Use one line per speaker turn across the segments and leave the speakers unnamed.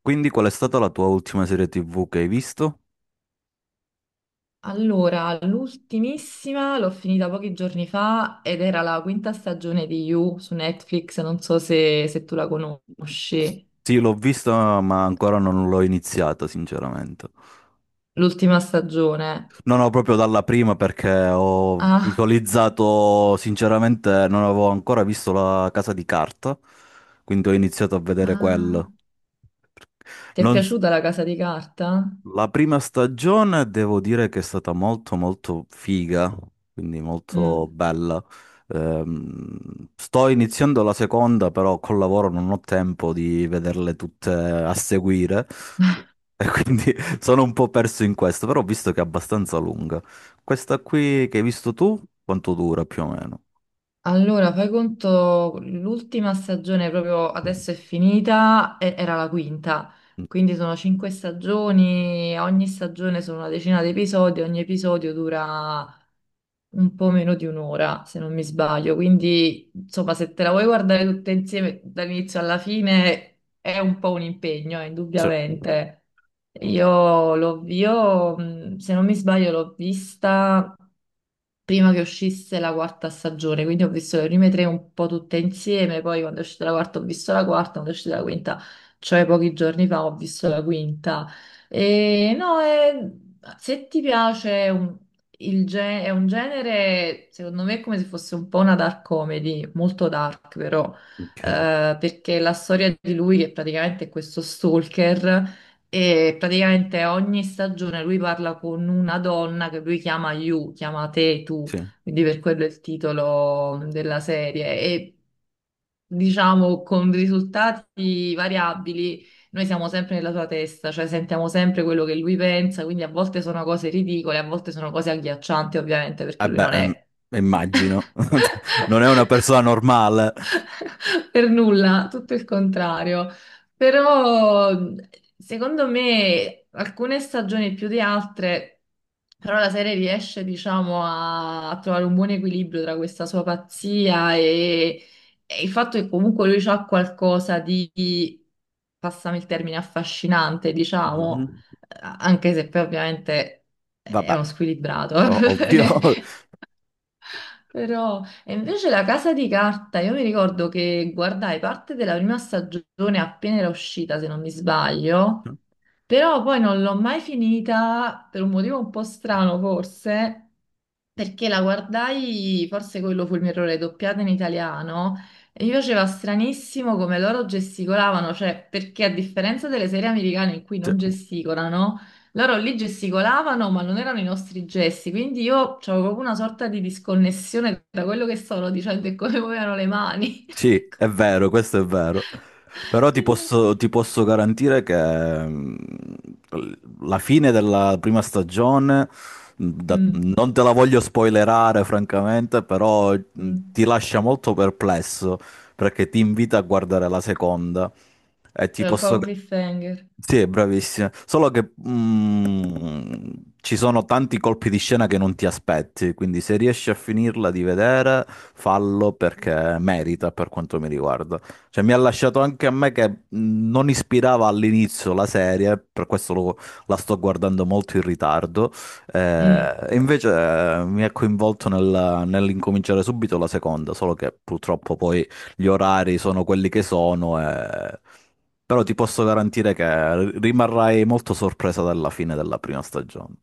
Quindi qual è stata la tua ultima serie TV che hai visto?
Allora, l'ultimissima l'ho finita pochi giorni fa ed era la quinta stagione di You su Netflix, non so se tu la conosci,
Sì, l'ho vista, ma ancora non l'ho iniziata, sinceramente.
l'ultima stagione.
Non ho proprio dalla prima perché ho
Ah,
visualizzato, sinceramente, non avevo ancora visto La Casa di Carta, quindi ho iniziato a vedere
ah,
quello.
ti è
Non,
piaciuta La Casa di Carta?
la prima stagione devo dire che è stata molto molto figa, quindi molto
Mm.
bella. Sto iniziando la seconda, però col lavoro non ho tempo di vederle tutte a seguire e quindi sono un po' perso in questo, però ho visto che è abbastanza lunga. Questa qui che hai visto tu, quanto dura più o meno?
Allora, fai conto, l'ultima stagione proprio
Mm,
adesso è finita, era la quinta, quindi sono cinque stagioni, ogni stagione sono una decina di episodi, ogni episodio dura un po' meno di un'ora, se non mi sbaglio. Quindi, insomma, se te la vuoi guardare tutte insieme dall'inizio alla fine è un po' un impegno,
sì.
indubbiamente. Se non mi sbaglio, l'ho vista prima che uscisse la quarta stagione, quindi ho visto le prime tre un po' tutte insieme, poi quando è uscita la quarta ho visto la quarta, quando è uscita la quinta, cioè pochi giorni fa ho visto la quinta. E no, se ti piace è è un genere, secondo me, è come se fosse un po' una dark comedy, molto dark però.
Ok,
Perché la storia di lui, che praticamente è questo stalker, e praticamente ogni stagione lui parla con una donna che lui chiama You, chiama te, tu,
sì.
quindi per quello è il titolo della serie. E diciamo con risultati variabili, noi siamo sempre nella sua testa, cioè sentiamo sempre quello che lui pensa, quindi a volte sono cose ridicole, a volte sono cose agghiaccianti, ovviamente, perché
Eh
lui
beh,
non è
immagino. Non è una persona normale.
per nulla, tutto il contrario. Però secondo me alcune stagioni più di altre, però la serie riesce, diciamo, a, a trovare un buon equilibrio tra questa sua pazzia e il fatto che comunque lui ha qualcosa di, passami il termine, affascinante, diciamo,
Mhm.
anche se poi ovviamente è
Vabbè.
uno squilibrato.
O- Ovvio.
Però, e invece la casa di carta, io mi ricordo che guardai parte della prima stagione appena era uscita, se non mi sbaglio, però poi non l'ho mai finita per un motivo un po' strano, forse, perché la guardai, forse quello fu il mio errore, doppiata in italiano, e mi faceva stranissimo come loro gesticolavano, cioè perché a differenza delle serie americane in cui
Cioè,
non gesticolano, loro lì gesticolavano ma non erano i nostri gesti, quindi io avevo proprio una sorta di disconnessione tra quello che stavano dicendo e come muovevano le mani.
sì, è vero, questo è vero. Però
Quindi
ti posso garantire che la fine della prima stagione,
mm,
non te la voglio spoilerare francamente, però
mm,
ti lascia molto perplesso perché ti invita a guardare la seconda. E ti
è un po'
posso...
un cliffhanger.
Sì, è bravissima. Solo che ci sono tanti colpi di scena che non ti aspetti, quindi se riesci a finirla di vedere, fallo perché merita per quanto mi riguarda. Cioè, mi ha lasciato anche a me che non ispirava all'inizio la serie, per questo la sto guardando molto in ritardo.
Mm.
E invece mi ha coinvolto nell'incominciare subito la seconda, solo che purtroppo poi gli orari sono quelli che sono, però ti posso garantire che rimarrai molto sorpresa dalla fine della prima stagione.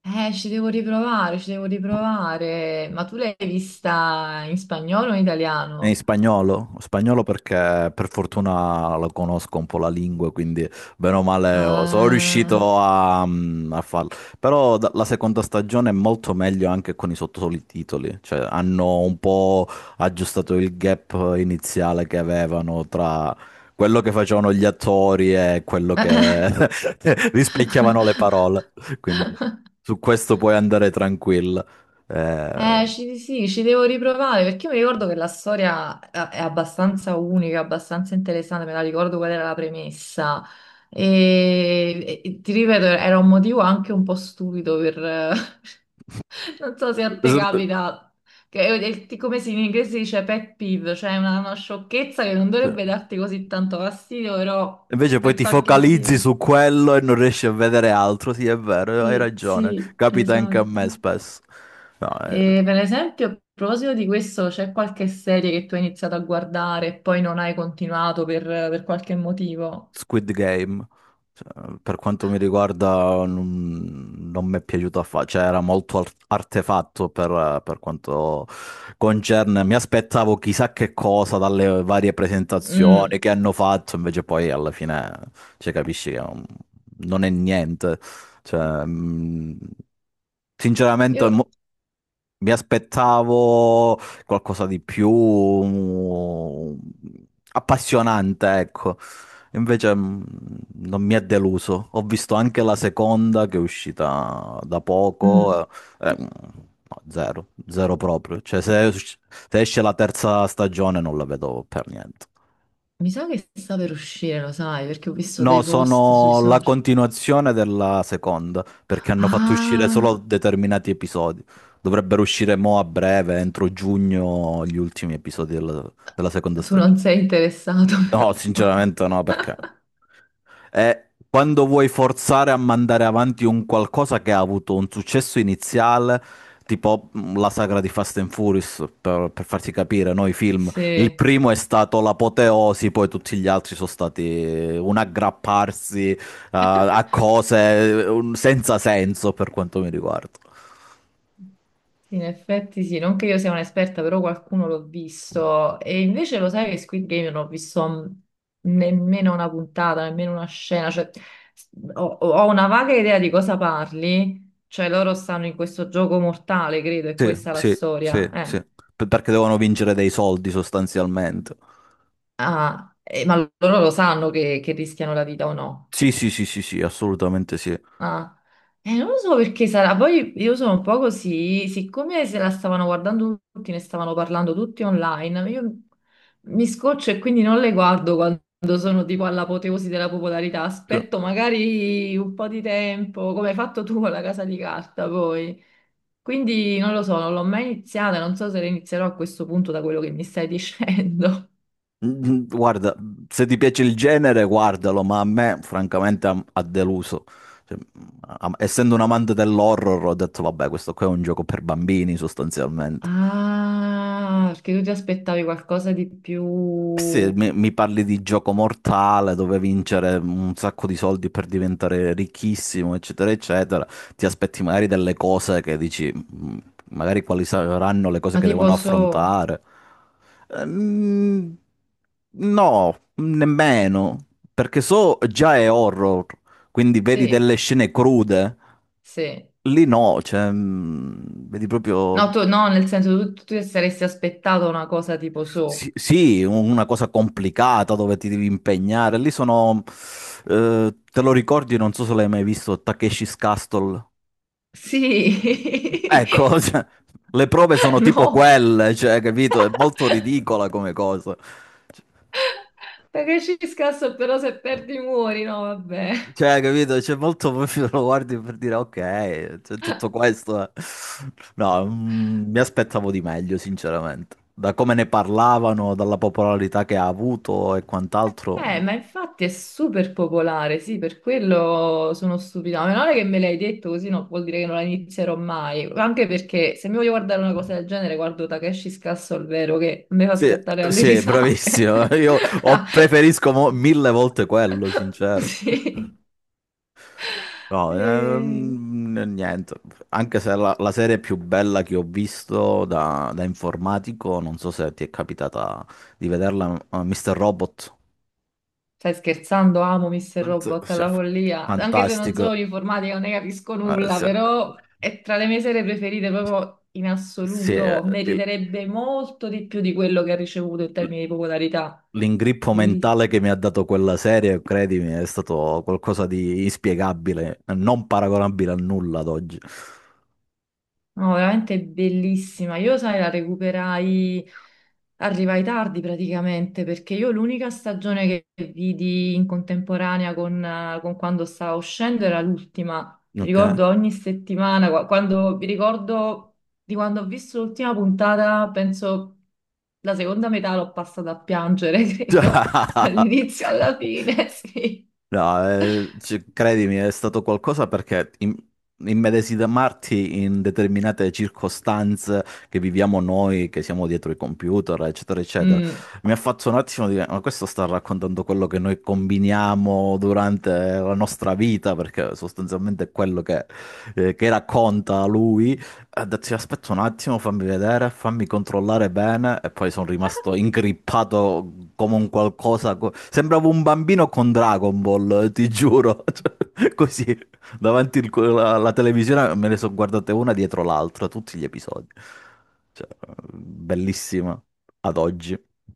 Ci devo riprovare, ci devo riprovare. Ma tu l'hai vista in spagnolo o in
È in
italiano?
spagnolo? Spagnolo perché per fortuna lo conosco un po' la lingua, quindi bene o male oh, sono riuscito
Ah.
a, a farlo. Però la seconda stagione è molto meglio anche con i sottotitoli, cioè hanno un po' aggiustato il gap iniziale che avevano tra quello che facevano gli attori e quello che rispecchiavano le parole. Quindi su questo puoi andare tranquillo. Eh,
Sì, ci devo riprovare perché io mi ricordo che la storia è abbastanza unica, abbastanza interessante, me la ricordo qual era la premessa. E ti ripeto, era un motivo anche un po' stupido per, non so se a te capita, che come si in inglese si dice pet peeve, cioè una sciocchezza che non
s-
dovrebbe darti così tanto fastidio, però
Invece poi
per
ti
qualche
focalizzi
motivo.
su quello e non riesci a vedere altro. Sì, è vero, hai
Sì,
ragione.
sì,
Capita anche a
esatto.
me spesso. No,
E per esempio, a proposito di questo, c'è qualche serie che tu hai iniziato a guardare e poi non hai continuato per qualche motivo?
Squid Game. Cioè, per quanto mi riguarda, non mi è piaciuto affatto, cioè era molto artefatto per quanto concerne. Mi aspettavo chissà che cosa dalle varie presentazioni
Mm,
che hanno fatto, invece poi alla fine, cioè, capisci che non, non è niente. Cioè, sinceramente,
io-
mi aspettavo qualcosa di più appassionante, ecco. Invece non mi ha deluso. Ho visto anche la seconda che è uscita da poco.
mm,
eh, eh, mh, no, zero, zero proprio. Cioè, se, se esce la terza stagione non la vedo per niente.
Mi sa che sta per uscire, lo sai, perché ho visto
No,
dei post sui
sono la
social.
continuazione della seconda, perché hanno fatto uscire solo
Ah!
determinati episodi. Dovrebbero uscire mo a breve, entro giugno, gli ultimi episodi della, della seconda
Tu non
stagione.
sei interessato,
No,
però.
sinceramente no, perché? Quando vuoi forzare a mandare avanti un qualcosa che ha avuto un successo iniziale, tipo la sagra di Fast and Furious, per farti capire, no? I film. Il
Sì.
primo è stato l'apoteosi, poi tutti gli altri sono stati un aggrapparsi, a cose senza senso per quanto mi riguarda.
Sì, in effetti sì, non che io sia un'esperta, però qualcuno l'ho visto. E invece lo sai che Squid Game non ho visto nemmeno una puntata, nemmeno una scena. Cioè, s- ho, ho una vaga idea di cosa parli. Cioè, loro stanno in questo gioco mortale, credo, e
Sì,
questa è la
sì,
storia.
sì, sì. Perché devono vincere dei soldi sostanzialmente.
Ah, ma loro lo sanno che rischiano la vita o no?
Sì, sì, sì, sì, sì, assolutamente sì.
Ah, non lo so perché sarà. Poi io sono un po' così, siccome se la stavano guardando tutti, ne stavano parlando tutti online, io mi scoccio e quindi non le guardo quando sono tipo all'apoteosi della popolarità. Aspetto magari un po' di tempo, come hai fatto tu con la casa di carta poi. Quindi non lo so, non l'ho mai iniziata, non so se la inizierò a questo punto da quello che mi stai dicendo.
Mm, guarda, se ti piace il genere, guardalo, ma a me francamente ha deluso. Cioè, essendo un amante dell'horror, ho detto, vabbè, questo qua è un gioco per bambini, sostanzialmente.
Ah, perché tu ti aspettavi qualcosa di più,
Se mi parli di gioco mortale dove vincere un sacco di soldi per diventare ricchissimo, eccetera, eccetera, ti aspetti magari delle cose che dici, "Mm, magari quali saranno le cose
ma
che devono
tipo so,
affrontare. Ehm, no, nemmeno, perché so già è horror, quindi vedi
sì.
delle scene crude.
Sì.
Lì no, cioè, vedi proprio.
No, tu, no, nel senso tu, tu ti saresti aspettato una cosa tipo
Sì,
so.
sì, una cosa complicata dove ti devi impegnare. Lì sono, te lo ricordi, non so se l'hai mai visto, Takeshi's Castle.
Sì.
Ecco, cioè, le prove sono tipo
No,
quelle, cioè, capito? È molto ridicola come cosa.
perché ci scasso però se perdi muori, no, vabbè.
Cioè, capito? C'è molto, lo guardi per dire, ok, c'è tutto questo. Eh. No, mi aspettavo di meglio, sinceramente. Da come ne parlavano, dalla popolarità che ha avuto e quant'altro. Mm.
Ma infatti è super popolare, sì, per quello sono stupida. Ma meno male che me l'hai detto così, no, vuol dire che non la inizierò mai. Anche perché se mi voglio guardare una cosa del genere, guardo Takeshi Scasso al vero che mi fa
Sì,
schiattare alle
sì,
risate.
bravissimo. Io preferisco mille volte quello, sincero.
Sì.
No,
E-
niente. Anche se la, la serie più bella che ho visto da, da informatico, non so se ti è capitata di vederla, Mr. Robot.
Stai scherzando? Amo Mr. Robot
Cioè,
alla follia. Anche se non sono
fantastico.
informatica, non ne capisco nulla,
Sì.
però è tra le mie serie preferite proprio in
Sì,
assoluto. Meriterebbe molto di più di quello che ha ricevuto in termini di popolarità.
l'ingrippo
Bellissimo.
mentale che mi ha dato quella serie, credimi, è stato qualcosa di inspiegabile, non paragonabile a nulla ad oggi.
No, veramente bellissima. Io, sai, la recuperai, arrivai tardi praticamente, perché io l'unica stagione che vidi in contemporanea con quando stavo uscendo era l'ultima. Mi
Ok.
ricordo ogni settimana, quando mi ricordo di quando ho visto l'ultima puntata, penso la seconda metà l'ho passata a piangere,
Cioè,
credo, dall'inizio alla fine, sì.
no, credimi, è stato qualcosa perché immedesimarti in determinate circostanze che viviamo noi, che siamo dietro i computer, eccetera, eccetera,
Mm.
mi ha fatto un attimo dire, ma questo sta raccontando quello che noi combiniamo durante la nostra vita, perché sostanzialmente è quello che racconta lui. Ha detto, "Sì, aspetta un attimo, fammi vedere, fammi controllare bene." E poi sono rimasto ingrippato come un qualcosa. Sembravo un bambino con Dragon Ball, ti giuro. Cioè, così, davanti alla, alla televisione me ne sono guardate una dietro l'altra, tutti gli episodi. Cioè, bellissima ad oggi.